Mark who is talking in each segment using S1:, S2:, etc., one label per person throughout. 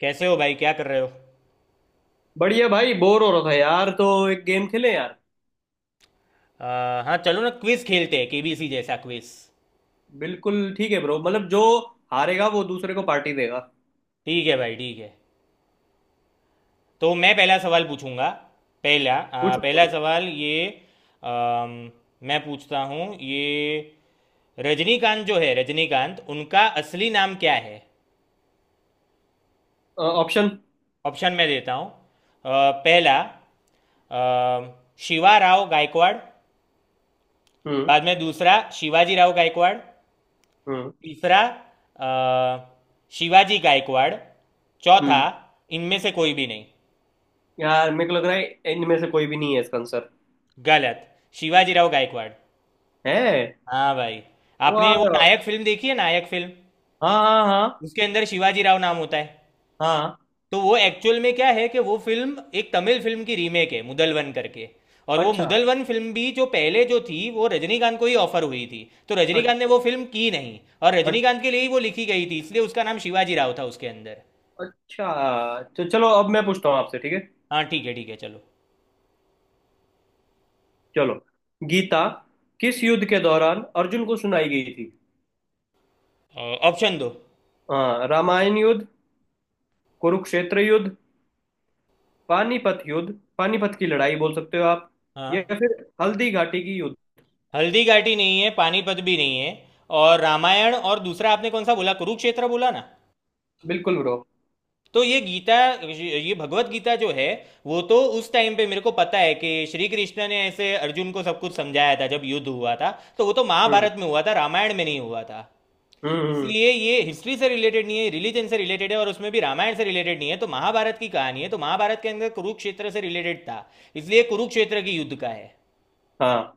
S1: कैसे हो भाई, क्या कर रहे हो?
S2: बढ़िया भाई। बोर हो रहा था यार, तो एक गेम खेलें यार।
S1: हाँ चलो ना, क्विज खेलते हैं, केबीसी जैसा क्विज।
S2: बिल्कुल ठीक है ब्रो। मतलब जो हारेगा वो दूसरे को पार्टी देगा।
S1: ठीक है भाई, ठीक है। तो मैं पहला सवाल पूछूंगा।
S2: पूछो।
S1: पहला सवाल ये। अम, मैं पूछता हूँ ये। रजनीकांत जो है, रजनीकांत, उनका असली नाम क्या है?
S2: ऑप्शन।
S1: ऑप्शन मैं देता हूँ। पहला अ,, शिवा राव गायकवाड़।
S2: हम्म।
S1: बाद में दूसरा, शिवाजी राव गायकवाड़।
S2: हम्म।
S1: तीसरा, अ, शिवाजी गायकवाड़। चौथा,
S2: हम्म।
S1: इनमें से कोई भी नहीं।
S2: यार मेरे को लग रहा है इनमें से कोई भी नहीं है इसका आंसर।
S1: गलत। शिवाजी राव गायकवाड़।
S2: है।
S1: हाँ भाई। आपने वो
S2: वाह।
S1: नायक फिल्म देखी है, नायक फिल्म?
S2: हाँ, हाँ, हाँ।
S1: उसके अंदर शिवाजी राव नाम होता है।
S2: हाँ।
S1: तो वो एक्चुअल में क्या है कि वो फिल्म एक तमिल फिल्म की रीमेक है, मुदलवन करके। और वो
S2: अच्छा।
S1: मुदलवन फिल्म भी जो पहले जो थी वो रजनीकांत को ही ऑफर हुई थी। तो
S2: अच-
S1: रजनीकांत ने वो फिल्म की नहीं, और
S2: अच-
S1: रजनीकांत के लिए ही वो लिखी गई थी, इसलिए उसका नाम शिवाजी राव था उसके अंदर।
S2: अच्छा, तो चलो अब मैं पूछता हूँ आपसे, ठीक है?
S1: हाँ ठीक है चलो।
S2: चलो। गीता किस युद्ध के दौरान अर्जुन को सुनाई गई थी?
S1: ऑप्शन दो।
S2: हाँ, रामायण युद्ध, कुरुक्षेत्र युद्ध, पानीपत युद्ध। पानीपत की लड़ाई बोल सकते हो आप, या
S1: हाँ।
S2: फिर हल्दी घाटी की युद्ध।
S1: हल्दी घाटी नहीं है, पानीपत भी नहीं है। और रामायण, और दूसरा आपने कौन सा बोला, कुरुक्षेत्र बोला ना?
S2: बिल्कुल ब्रो।
S1: तो ये गीता, ये भगवत गीता जो है, वो तो उस टाइम पे मेरे को पता है कि श्री कृष्ण ने ऐसे अर्जुन को सब कुछ समझाया था जब युद्ध हुआ था। तो वो तो
S2: हम्म।
S1: महाभारत में हुआ था, रामायण में नहीं हुआ था।
S2: हम्म। हम्म।
S1: इसलिए ये हिस्ट्री से रिलेटेड नहीं है, रिलीजन से रिलेटेड है, और उसमें भी रामायण से रिलेटेड नहीं है, तो महाभारत की कहानी है, तो महाभारत के अंदर कुरुक्षेत्र से रिलेटेड था। इसलिए कुरुक्षेत्र की युद्ध का है।
S2: हाँ,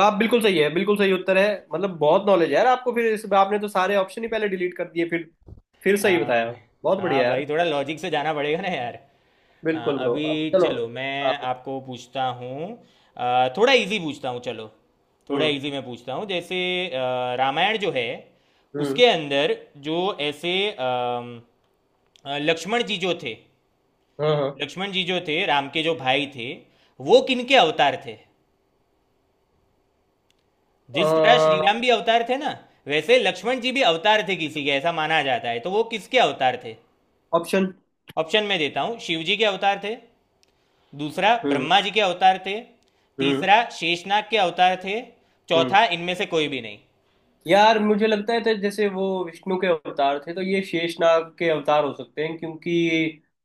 S2: आप बिल्कुल सही है, बिल्कुल सही उत्तर है। मतलब बहुत नॉलेज है यार आपको। फिर इस आपने तो सारे ऑप्शन ही पहले डिलीट कर दिए, फिर सही
S1: हाँ।
S2: बताया। बहुत
S1: हाँ
S2: बढ़िया यार।
S1: भाई, थोड़ा लॉजिक से जाना पड़ेगा ना यार। हाँ,
S2: बिल्कुल ब्रो,
S1: अभी
S2: अब चलो।
S1: चलो मैं
S2: आप।
S1: आपको पूछता हूँ। थोड़ा इजी पूछता हूँ चलो। थोड़ा
S2: हम्म।
S1: इजी मैं पूछता हूँ, जैसे रामायण जो है,
S2: हम्म।
S1: उसके अंदर, जो ऐसे अम, लक्ष्मण जी जो थे,
S2: हाँ।
S1: लक्ष्मण जी जो थे, राम के जो भाई थे, वो किनके अवतार थे? जिस तरह श्री राम
S2: हाँ।
S1: भी अवतार थे ना, वैसे लक्ष्मण जी भी अवतार थे किसी के, ऐसा माना जाता है। तो वो किसके अवतार थे?
S2: ऑप्शन।
S1: ऑप्शन में देता हूं। शिव जी के अवतार थे। दूसरा,
S2: हम्म।
S1: ब्रह्मा जी के अवतार थे।
S2: हम्म।
S1: तीसरा, शेषनाग के अवतार थे।
S2: हम्म।
S1: चौथा, इनमें से कोई भी नहीं।
S2: यार मुझे लगता है, तो जैसे वो विष्णु के अवतार थे तो ये शेषनाग के अवतार हो सकते हैं, क्योंकि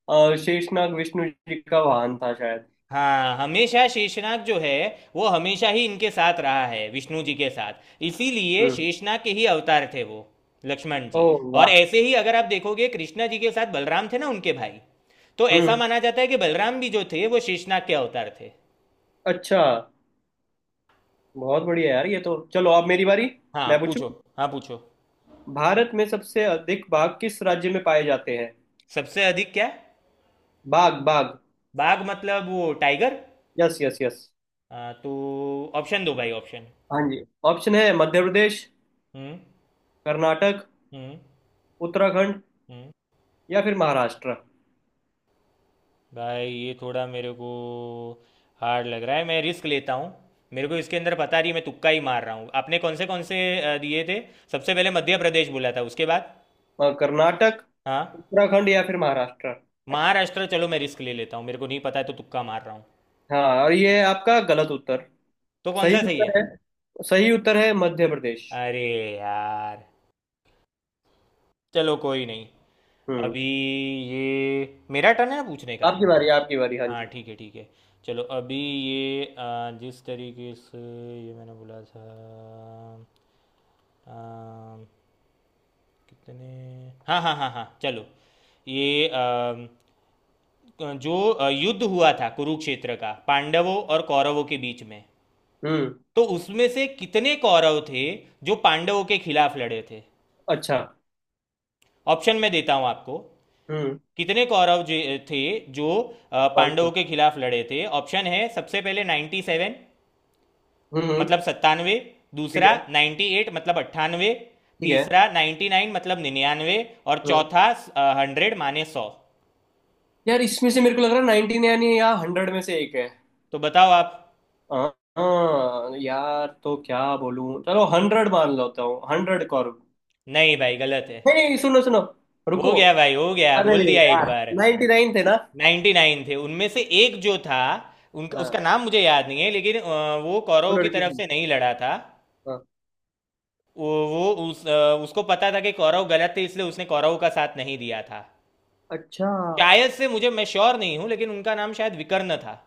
S2: शेषनाग विष्णु जी का वाहन था शायद।
S1: हाँ, हमेशा शेषनाग जो है, वो हमेशा ही इनके साथ रहा है, विष्णु जी के साथ, इसीलिए
S2: हम्म।
S1: शेषनाग के ही अवतार थे वो, लक्ष्मण जी।
S2: ओह,
S1: और
S2: वाह।
S1: ऐसे ही अगर आप देखोगे, कृष्णा जी के साथ बलराम थे ना, उनके भाई। तो ऐसा
S2: हम्म।
S1: माना जाता है कि बलराम भी जो थे वो शेषनाग के अवतार थे।
S2: अच्छा। बहुत बढ़िया यार। ये तो चलो, अब मेरी बारी।
S1: हाँ
S2: मैं पूछूं।
S1: पूछो। हाँ पूछो।
S2: भारत में सबसे अधिक बाघ किस राज्य में पाए जाते हैं?
S1: सबसे अधिक क्या?
S2: बाघ, बाघ।
S1: बाघ मतलब वो टाइगर?
S2: Yes, yes, yes.
S1: हाँ तो, ऑप्शन दो भाई, ऑप्शन।
S2: हाँ जी। ऑप्शन है मध्य प्रदेश,
S1: हम्म।
S2: कर्नाटक,
S1: हम्म।
S2: उत्तराखंड,
S1: हम्म।
S2: या फिर महाराष्ट्र।
S1: भाई ये थोड़ा मेरे को हार्ड लग रहा है, मैं रिस्क लेता हूँ। मेरे को इसके अंदर पता नहीं, मैं तुक्का ही मार रहा हूँ। आपने कौन से दिए थे? सबसे पहले मध्य प्रदेश बोला था, उसके बाद?
S2: कर्नाटक,
S1: हाँ।
S2: उत्तराखंड या फिर महाराष्ट्र।
S1: महाराष्ट्र, चलो मैं रिस्क ले लेता हूँ, मेरे को नहीं पता है तो तुक्का मार रहा हूँ।
S2: हाँ, और ये है आपका गलत उत्तर।
S1: तो कौन
S2: सही
S1: सा सही है?
S2: उत्तर है। सही उत्तर है मध्य प्रदेश।
S1: अरे यार, चलो कोई नहीं।
S2: हम्म।
S1: अभी ये मेरा टर्न है ना, पूछने का?
S2: आपकी बारी, आपकी बारी। हाँ
S1: हाँ
S2: जी।
S1: ठीक है ठीक है। चलो अभी ये जिस तरीके से ये मैंने बोला था, आ, कितने, हाँ हाँ हाँ हाँ चलो। ये जो युद्ध हुआ था कुरुक्षेत्र का, पांडवों और कौरवों के बीच में,
S2: हम्म।
S1: तो उसमें से कितने कौरव थे जो पांडवों के खिलाफ लड़े थे?
S2: अच्छा।
S1: ऑप्शन मैं देता हूँ आपको।
S2: हम्म।
S1: कितने कौरव थे जो
S2: पाँच
S1: पांडवों
S2: सौ।
S1: के खिलाफ लड़े थे? ऑप्शन है, सबसे पहले नाइन्टी सेवन
S2: हम्म। हम्म।
S1: मतलब सत्तानवे।
S2: ठीक
S1: दूसरा
S2: है।
S1: 98 मतलब अट्ठानवे।
S2: ठीक है।
S1: तीसरा 99 मतलब निन्यानवे। और
S2: हम्म।
S1: चौथा हंड्रेड माने सौ।
S2: यार इसमें से मेरे को लग रहा है 19 यानी या 100 में से एक है।
S1: तो बताओ आप।
S2: हाँ। हाँ, यार तो क्या बोलूं? चलो 100 मान लेता हूँ, 100 कॉर्ब।
S1: नहीं भाई, गलत है।
S2: नहीं, नहीं, सुनो सुनो,
S1: हो
S2: रुको।
S1: गया भाई हो गया,
S2: अरे
S1: बोल दिया एक
S2: यार,
S1: बार।
S2: 99 थे ना?
S1: 99 थे, उनमें से एक जो था, उनका
S2: हाँ।
S1: उसका नाम मुझे याद नहीं है, लेकिन वो
S2: वो
S1: कौरव की
S2: लड़की।
S1: तरफ से नहीं लड़ा था।
S2: हाँ।
S1: वो उस उसको पता था कि कौरव गलत थे, इसलिए उसने कौरव का साथ नहीं दिया था।
S2: अच्छा।
S1: शायद से मुझे, मैं श्योर नहीं हूँ, लेकिन उनका नाम शायद विकर्ण था।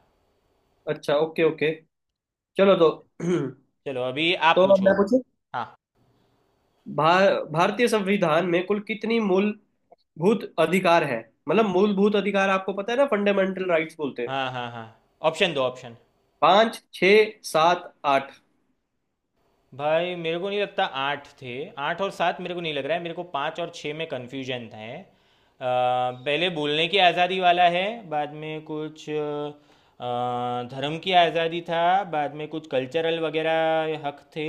S2: अच्छा, ओके, ओके। चलो तो।
S1: चलो अभी आप
S2: तो अब
S1: पूछो।
S2: मैं पूछूं।
S1: हाँ
S2: भारतीय संविधान में कुल कितनी मूलभूत अधिकार है? मतलब मूलभूत अधिकार आपको पता है ना, फंडामेंटल राइट्स बोलते हैं।
S1: हाँ हाँ हाँ। ऑप्शन दो, ऑप्शन।
S2: पांच, छ, सात, आठ।
S1: भाई मेरे को नहीं लगता आठ थे। आठ और सात मेरे को नहीं लग रहा है, मेरे को पाँच और छः में कन्फ्यूजन था है। पहले बोलने की आज़ादी वाला है, बाद में कुछ धर्म की आज़ादी था, बाद में कुछ कल्चरल वगैरह हक थे,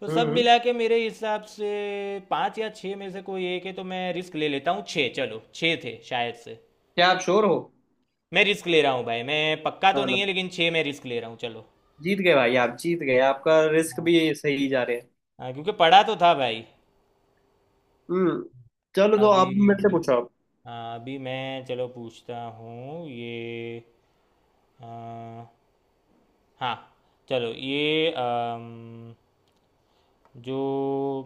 S1: तो सब
S2: हम्म।
S1: मिला के मेरे हिसाब से पाँच या छः में से कोई एक है, तो मैं रिस्क ले लेता हूँ, छः चलो, छः थे शायद से।
S2: क्या आप श्योर हो?
S1: मैं रिस्क ले रहा हूँ भाई, मैं पक्का तो
S2: चलो।
S1: नहीं है लेकिन छः, मैं रिस्क ले रहा हूँ चलो।
S2: जीत गए भाई, आप जीत गए। आपका रिस्क भी सही जा रहे हैं।
S1: हाँ क्योंकि पढ़ा तो था भाई।
S2: हम्म। चलो तो
S1: अभी
S2: आप भी मेरे से पूछो। आप।
S1: मैं चलो पूछता हूँ ये। आ, हाँ चलो ये। जो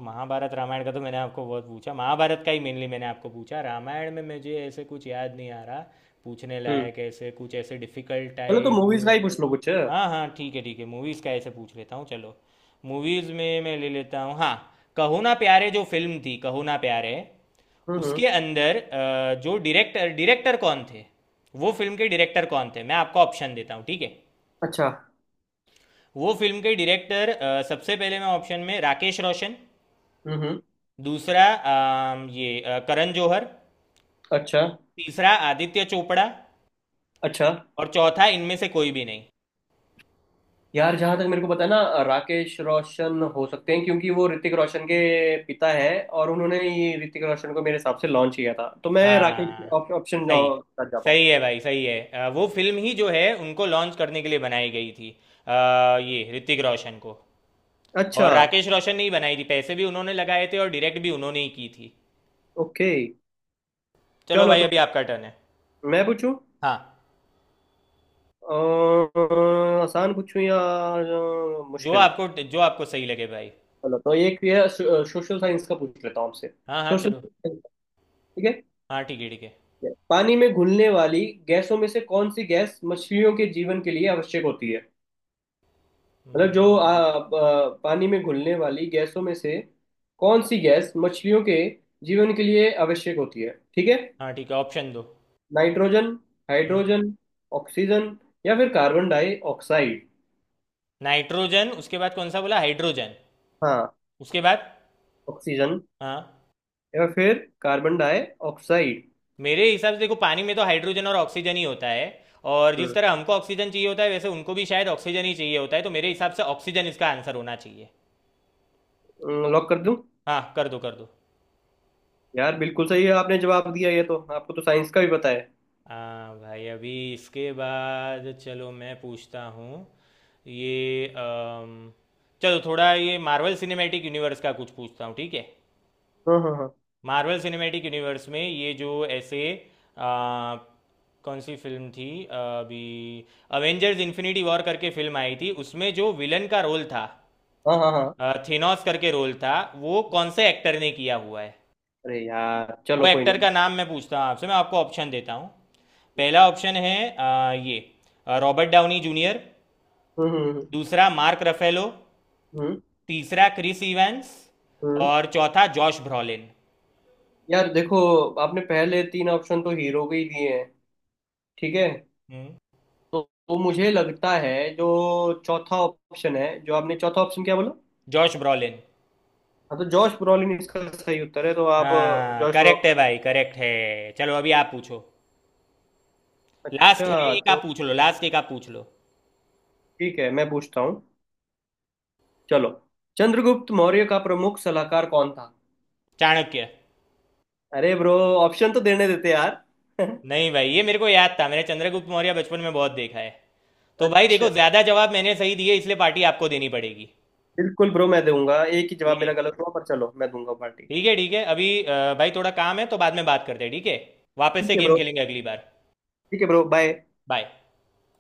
S1: महाभारत रामायण का तो मैंने आपको बहुत पूछा, महाभारत का ही मेनली मैंने आपको पूछा, रामायण में मुझे ऐसे कुछ याद नहीं आ रहा पूछने
S2: हम्म।
S1: लायक, ऐसे कुछ ऐसे डिफिकल्ट
S2: चलो तो
S1: टाइप।
S2: मूवीज का ही पूछ लो कुछ।
S1: हाँ हाँ ठीक है ठीक है, मूवीज़ का ऐसे पूछ लेता हूँ चलो। मूवीज़ में मैं ले लेता हूँ, हाँ। कहो ना प्यारे जो फिल्म थी, कहो ना प्यारे,
S2: हम्म। हम्म।
S1: उसके अंदर जो डायरेक्टर डायरेक्टर कौन थे, वो फिल्म के डायरेक्टर कौन थे, मैं आपको ऑप्शन देता हूँ ठीक है।
S2: अच्छा।
S1: वो फिल्म के डायरेक्टर, सबसे पहले मैं ऑप्शन में राकेश रोशन।
S2: हम्म। हम्म।
S1: दूसरा, करण जौहर।
S2: अच्छा।
S1: तीसरा आदित्य चोपड़ा।
S2: अच्छा।
S1: और चौथा इनमें से कोई भी नहीं।
S2: यार जहां तक मेरे को पता है ना, राकेश रोशन हो सकते हैं, क्योंकि वो ऋतिक रोशन के पिता है, और उन्होंने ही ऋतिक रोशन को मेरे हिसाब से लॉन्च किया था, तो मैं राकेश
S1: हाँ,
S2: ऑप्शन
S1: सही।
S2: कर जा पाऊँ।
S1: सही है भाई, सही है, वो फिल्म ही जो है उनको लॉन्च करने के लिए बनाई गई थी, अ, ये ऋतिक रोशन को।
S2: अच्छा,
S1: और राकेश रोशन ने ही बनाई थी, पैसे भी उन्होंने लगाए थे और डायरेक्ट भी उन्होंने ही की थी।
S2: ओके।
S1: चलो
S2: चलो
S1: भाई, अभी
S2: तो
S1: आपका टर्न है।
S2: मैं पूछूं।
S1: हाँ।
S2: आसान पूछूं या
S1: जो
S2: मुश्किल?
S1: आपको, जो आपको सही लगे भाई।
S2: चलो तो एक ये सोशल साइंस का पूछ लेता हूँ आपसे।
S1: हाँ हाँ
S2: सोशल
S1: चलो।
S2: साइंस। ठीक है।
S1: हाँ ठीक है ठीक है।
S2: पानी में घुलने वाली गैसों में से कौन सी गैस मछलियों के जीवन के लिए आवश्यक होती है? मतलब जो आ,
S1: हम्म।
S2: आ, पानी में घुलने वाली गैसों में से कौन सी गैस मछलियों के जीवन के लिए आवश्यक होती है। ठीक है।
S1: हाँ ठीक है, ऑप्शन दो।
S2: नाइट्रोजन,
S1: हम्म।
S2: हाइड्रोजन, ऑक्सीजन, या फिर कार्बन डाई ऑक्साइड।
S1: नाइट्रोजन, उसके बाद कौन सा बोला, हाइड्रोजन?
S2: हाँ।
S1: उसके बाद?
S2: ऑक्सीजन,
S1: हाँ।
S2: या फिर कार्बन डाई ऑक्साइड।
S1: मेरे हिसाब से देखो, पानी में तो हाइड्रोजन और ऑक्सीजन ही होता है, और जिस तरह हमको ऑक्सीजन चाहिए होता है वैसे उनको भी शायद ऑक्सीजन ही चाहिए होता है, तो मेरे हिसाब से ऑक्सीजन इसका आंसर होना चाहिए।
S2: हम्म, लॉक कर दूं?
S1: हाँ कर दो कर दो।
S2: यार बिल्कुल सही है, आपने जवाब दिया। ये तो आपको तो साइंस का भी पता है।
S1: हाँ भाई, अभी इसके बाद चलो मैं पूछता हूँ ये। चलो, थोड़ा ये मार्वल सिनेमैटिक यूनिवर्स का कुछ पूछता हूँ, ठीक है।
S2: हाँ, हाँ, हाँ।
S1: मार्वल सिनेमैटिक यूनिवर्स में ये जो ऐसे अ, कौन सी फिल्म थी, अ, अभी अवेंजर्स इन्फिनिटी वॉर करके फिल्म आई थी, उसमें जो विलन का रोल था,
S2: हाँ, हाँ, हाँ।
S1: थेनोस करके रोल था, वो कौन से एक्टर ने किया हुआ है?
S2: अरे यार,
S1: वो
S2: चलो कोई
S1: एक्टर
S2: नहीं।
S1: का नाम मैं पूछता हूँ आपसे, मैं आपको ऑप्शन देता हूँ। पहला ऑप्शन है अ, ये रॉबर्ट डाउनी जूनियर।
S2: हम्म। हम्म।
S1: दूसरा मार्क रफेलो।
S2: हम्म।
S1: तीसरा क्रिस इवेंस।
S2: हम्म।
S1: और चौथा जॉश ब्रॉलिन।
S2: यार देखो, आपने पहले तीन ऑप्शन तो हीरो के ही दिए हैं, ठीक है?
S1: हम्म।
S2: तो, तो मुझे लगता है जो चौथा ऑप्शन है। जो आपने चौथा ऑप्शन, क्या बोला?
S1: Josh Brolin.
S2: हाँ, तो जॉश ब्रॉलिन इसका सही उत्तर है, तो आप
S1: हाँ
S2: जॉश
S1: करेक्ट है
S2: ब्रॉलिन।
S1: भाई करेक्ट है, चलो अभी आप पूछो। लास्ट है,
S2: अच्छा
S1: एक आप
S2: तो
S1: पूछ लो, लास्ट एक आप पूछ लो।
S2: ठीक है, मैं पूछता हूँ। चलो। चंद्रगुप्त मौर्य का प्रमुख सलाहकार कौन था?
S1: चाणक्य।
S2: अरे ब्रो, ऑप्शन तो देने देते यार।
S1: नहीं भाई, ये मेरे को याद था, मैंने चंद्रगुप्त मौर्य बचपन में बहुत देखा है। तो भाई
S2: अच्छा,
S1: देखो, ज्यादा जवाब मैंने सही दिए, इसलिए पार्टी आपको देनी पड़ेगी।
S2: बिल्कुल ब्रो, मैं दूंगा। एक ही जवाब
S1: ठीक है।
S2: मेरा गलत हुआ, पर चलो मैं दूंगा पार्टी।
S1: ठीक है ठीक है, अभी भाई थोड़ा काम है तो बाद में बात करते हैं, ठीक है? वापस
S2: ठीक
S1: से
S2: है
S1: गेम
S2: ब्रो।
S1: खेलेंगे अगली बार।
S2: ठीक है ब्रो, बाय।
S1: बाय।